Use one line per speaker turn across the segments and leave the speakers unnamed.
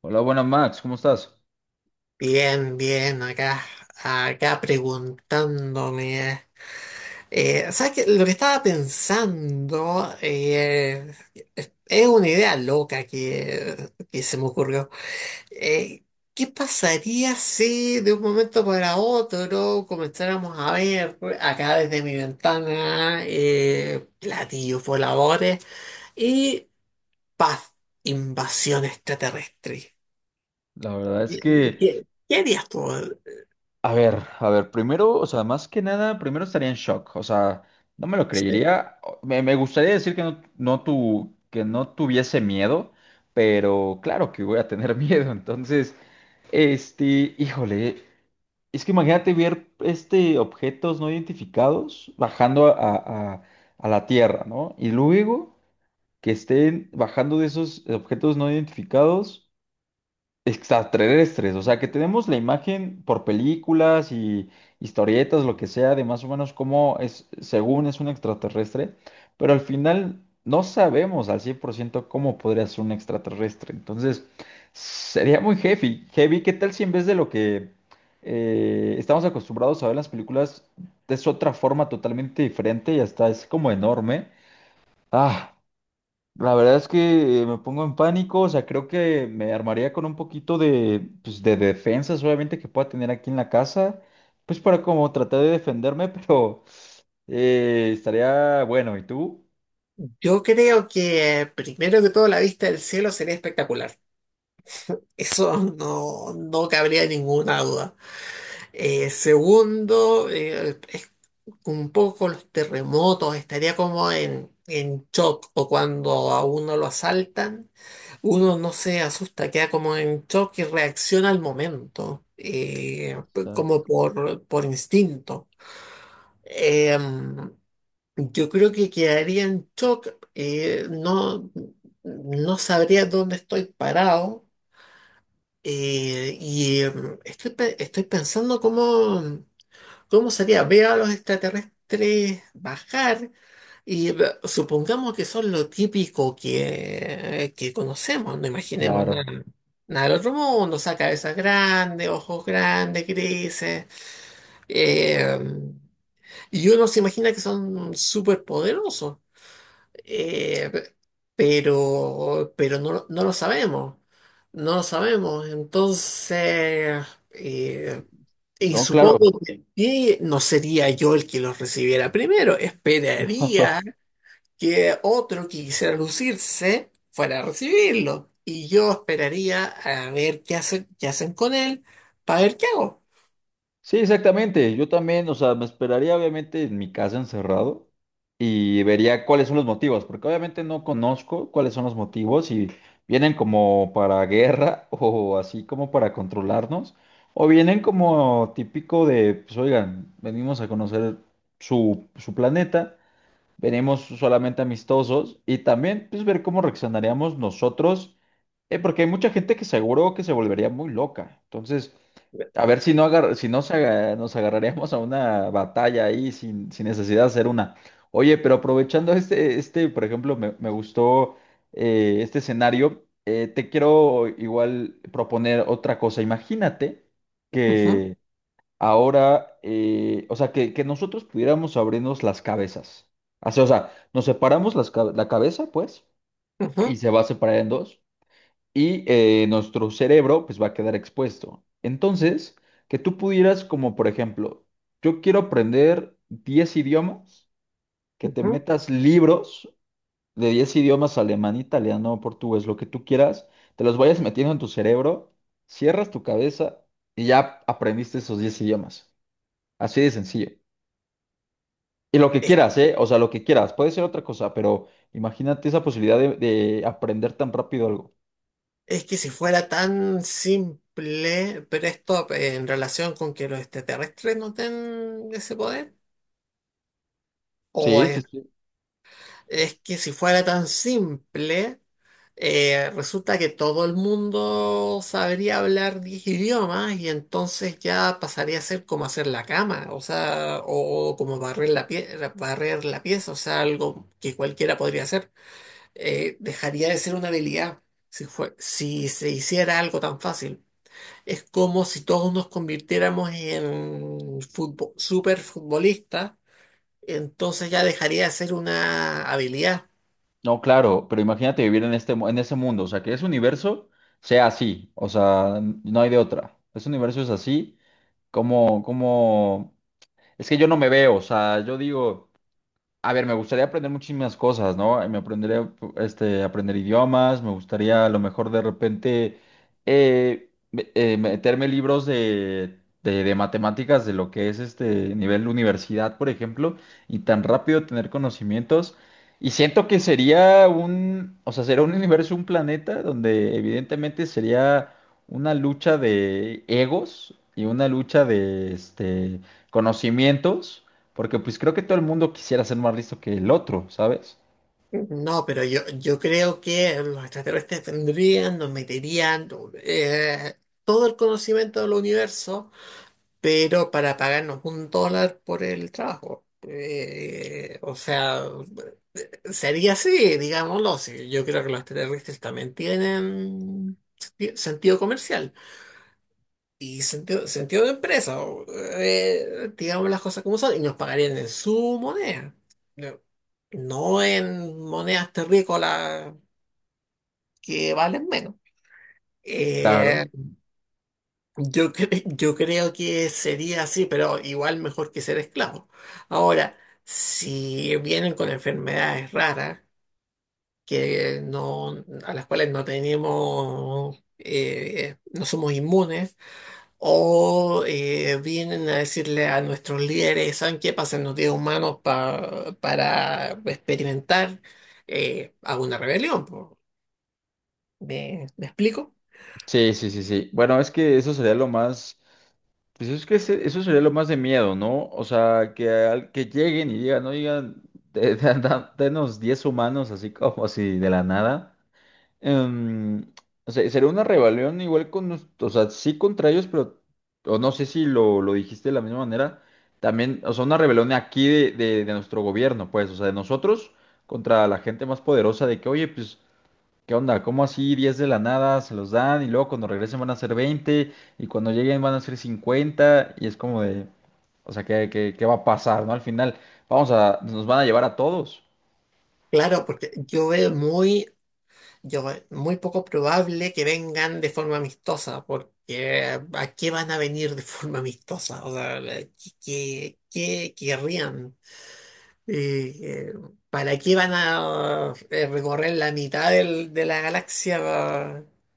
Hola, buenas Max, ¿cómo estás?
Bien, bien, acá, acá preguntándome. ¿Sabes qué? Lo que estaba pensando es una idea loca que se me ocurrió. Eh, ¿Qué pasaría si de un momento para otro comenzáramos a ver acá desde mi ventana platillos voladores y paz, invasión extraterrestre?
La verdad es
¿Qué,
que,
qué qué harías tú?
a ver, primero, o sea, más que nada, primero estaría en shock, o sea, no me lo creería. Me gustaría decir que no, no que no tuviese miedo, pero claro que voy a tener miedo, entonces, este, híjole, es que imagínate ver, este, objetos no identificados bajando a la Tierra, ¿no? Y luego que estén bajando de esos objetos no identificados. Extraterrestres, o sea que tenemos la imagen por películas y historietas, lo que sea, de más o menos cómo es, según es un extraterrestre, pero al final no sabemos al 100% cómo podría ser un extraterrestre. Entonces, sería muy heavy. Heavy, ¿qué tal si en vez de lo que estamos acostumbrados a ver en las películas, es otra forma totalmente diferente y hasta es como enorme? Ah. La verdad es que me pongo en pánico, o sea, creo que me armaría con un poquito de, pues, de defensas, obviamente, que pueda tener aquí en la casa, pues para como tratar de defenderme, pero estaría bueno, ¿y tú?
Yo creo que primero que todo la vista del cielo sería espectacular. Eso no, no cabría ninguna duda. Segundo, es un poco los terremotos, estaría como en shock o cuando a uno lo asaltan, uno no se asusta, queda como en shock y reacciona al momento,
O
pues,
sea,
como por instinto. Em, yo creo que quedaría en shock. No, no sabría dónde estoy parado. eh, y eh, Estoy pensando cómo sería. Veo a los extraterrestres bajar y supongamos que son lo típico que conocemos. No imaginemos nada,
claro,
nada del otro mundo. O sea, cabezas grandes, ojos grandes, grises. eh, y uno se imagina que son súper poderosos. Eh, pero no, no lo sabemos, no lo sabemos. Entonces, eh, y
no, claro.
supongo que no sería yo el que los recibiera primero. Esperaría que otro que quisiera lucirse fuera a recibirlo. Y yo esperaría a ver qué hacen con él para ver qué hago.
Sí, exactamente. Yo también, o sea, me esperaría obviamente en mi casa encerrado y vería cuáles son los motivos, porque obviamente no conozco cuáles son los motivos y vienen como para guerra o así como para controlarnos, o vienen como típico de, pues oigan, venimos a conocer su, su planeta, venimos solamente amistosos y también pues ver cómo reaccionaríamos nosotros, porque hay mucha gente que seguro que se volvería muy loca. Entonces... A ver si no, si no se nos agarraríamos a una batalla ahí sin, sin necesidad de hacer una. Oye, pero aprovechando por ejemplo, me gustó este escenario, te quiero igual proponer otra cosa. Imagínate
Ujú,
que ahora, o sea, que nosotros pudiéramos abrirnos las cabezas. Así, o sea, nos separamos las la cabeza, pues, y
ujú,
se va a separar en dos y nuestro cerebro pues va a quedar expuesto. Entonces, que tú pudieras como por ejemplo, yo quiero aprender 10 idiomas, que te
ujú.
metas libros de 10 idiomas, alemán, italiano, portugués, lo que tú quieras, te los vayas metiendo en tu cerebro, cierras tu cabeza y ya aprendiste esos 10 idiomas. Así de sencillo. Y lo que quieras, ¿eh? O sea, lo que quieras. Puede ser otra cosa, pero imagínate esa posibilidad de aprender tan rápido algo.
Es que si fuera tan simple, pero esto en relación con que los extraterrestres no tengan ese poder, o
Sí, sí, sí.
es que si fuera tan simple, resulta que todo el mundo sabría hablar 10 idiomas y entonces ya pasaría a ser como hacer la cama, o sea, o como barrer la pieza, o sea, algo que cualquiera podría hacer. Dejaría de ser una habilidad si se hiciera algo tan fácil. Es como si todos nos convirtiéramos en superfutbolistas, entonces ya dejaría de ser una habilidad.
No, claro, pero imagínate vivir en en ese mundo, o sea, que ese universo sea así, o sea, no hay de otra. Ese universo es así, como, como, es que yo no me veo, o sea, yo digo. A ver, me gustaría aprender muchísimas cosas, ¿no? Me aprendería, aprender idiomas, me gustaría a lo mejor de repente meterme libros de matemáticas de lo que es este nivel universidad, por ejemplo, y tan rápido tener conocimientos. Y siento que sería un, o sea, sería un universo, un planeta donde evidentemente sería una lucha de egos y una lucha de conocimientos. Porque pues creo que todo el mundo quisiera ser más listo que el otro, ¿sabes?
No, pero yo creo que los extraterrestres vendrían, nos meterían eh, todo el conocimiento del universo, pero para pagarnos un dólar por el trabajo. O sea, sería así, digámoslo. Sí. Yo creo que los extraterrestres también tienen sentido comercial. Y sentido, sentido de empresa, o, digamos las cosas como son, y nos pagarían en su moneda, no no en monedas terrícolas que valen menos. Eh,
Claro.
yo creo que sería así, pero igual mejor que ser esclavo. Ahora, si vienen con enfermedades raras, que no, a las cuales no tenemos, no somos inmunes, o vienen a decirle a nuestros líderes, ¿saben qué? Pásennos 10 humanos para experimentar a rebelión. Po. ¿Me, me explico?
Sí, sí, sí, sí. Bueno, es que eso sería lo más... Pues es que eso sería lo más de miedo, ¿no? O sea, que, que lleguen y digan, oigan, denos 10 humanos así como así de la nada. em, o sea, sería una rebelión igual con, o sea, sí contra ellos, pero, o no sé si lo dijiste de la misma manera, también, o sea, una rebelión aquí de nuestro gobierno, pues, o sea, de nosotros contra la gente más poderosa de que, oye, pues, ¿qué onda? ¿Cómo así 10 de la nada se los dan y luego cuando regresen van a ser 20 y cuando lleguen van a ser 50 y es como de, o sea, ¿qué va a pasar, ¿no? Al final, vamos a, nos van a llevar a todos.
Claro, porque yo veo muy poco probable que vengan de forma amistosa, porque ¿a qué van a venir de forma amistosa? O sea, ¿qué querrían? Eh, eh, ¿Para qué van a recorrer la mitad de la galaxia? Para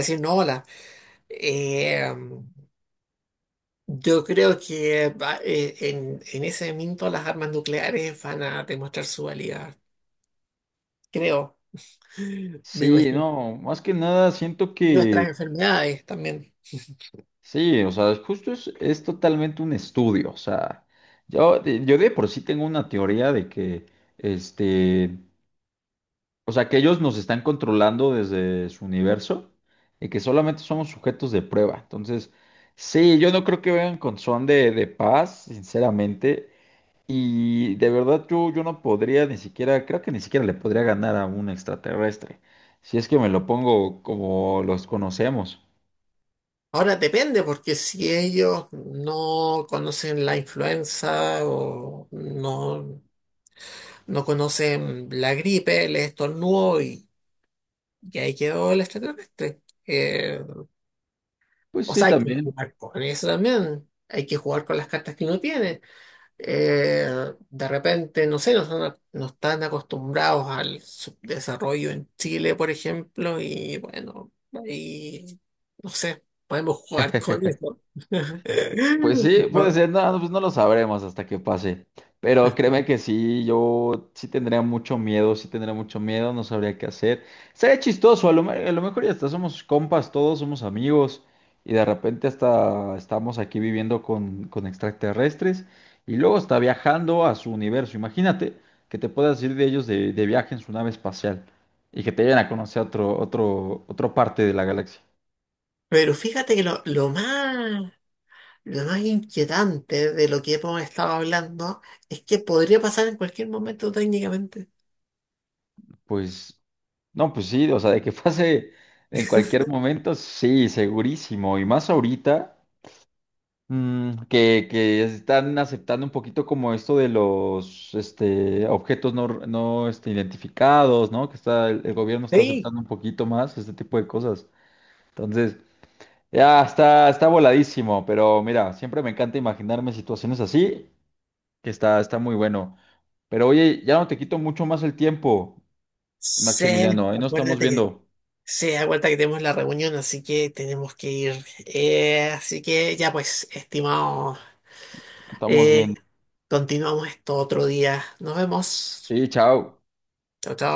decir no, hola. Eh, yo creo que en ese momento las armas nucleares van a demostrar su valía, creo. Me
Sí,
imagino.
no, más que nada siento
Y nuestras
que
enfermedades también.
sí, o sea, justo es totalmente un estudio. O sea, yo de por sí tengo una teoría de que, este, o sea, que ellos nos están controlando desde su universo y que solamente somos sujetos de prueba. Entonces, sí, yo no creo que vengan con son de paz, sinceramente. Y de verdad yo no podría ni siquiera, creo que ni siquiera le podría ganar a un extraterrestre, si es que me lo pongo como los conocemos.
Ahora depende, porque si ellos no conocen la influenza o no, no conocen la gripe, les estornudó y ahí quedó el extraterrestre. Eh,
Pues
o
sí,
sea, hay que
también.
jugar con eso también. Hay que jugar con las cartas que uno tiene. De repente, no sé, no están, no están acostumbrados al subdesarrollo en Chile, por ejemplo, y bueno, ahí, no sé, podemos jugar con eso.
Pues sí, puede
No,
ser, no, no, pues no lo sabremos hasta que pase. Pero créeme que sí, yo sí tendría mucho miedo, sí tendría mucho miedo, no sabría qué hacer. Sería chistoso, a lo mejor ya hasta somos compas todos, somos amigos, y de repente hasta estamos aquí viviendo con, extraterrestres, y luego está viajando a su universo. Imagínate que te puedas ir de ellos de viaje en su nave espacial y que te vayan a conocer a otra parte de la galaxia.
pero fíjate que lo más inquietante de lo que hemos estado hablando es que podría pasar en cualquier momento técnicamente.
Pues, no, pues sí, o sea, de que pase en cualquier momento, sí, segurísimo. Y más ahorita, que están aceptando un poquito como esto de los objetos no identificados, ¿no? Que está, el gobierno está
Sí,
aceptando un poquito más este tipo de cosas. Entonces, ya está voladísimo, pero mira, siempre me encanta imaginarme situaciones así, que está, está muy bueno. Pero oye, ya no te quito mucho más el tiempo,
sí,
Maximiliano, ahí nos estamos
acuérdate que
viendo.
se da cuenta que tenemos la reunión, así que tenemos que ir. Así que ya pues, estimado,
Estamos
eh,
viendo.
continuamos esto otro día. Nos vemos.
Sí, chao.
Chao, chao.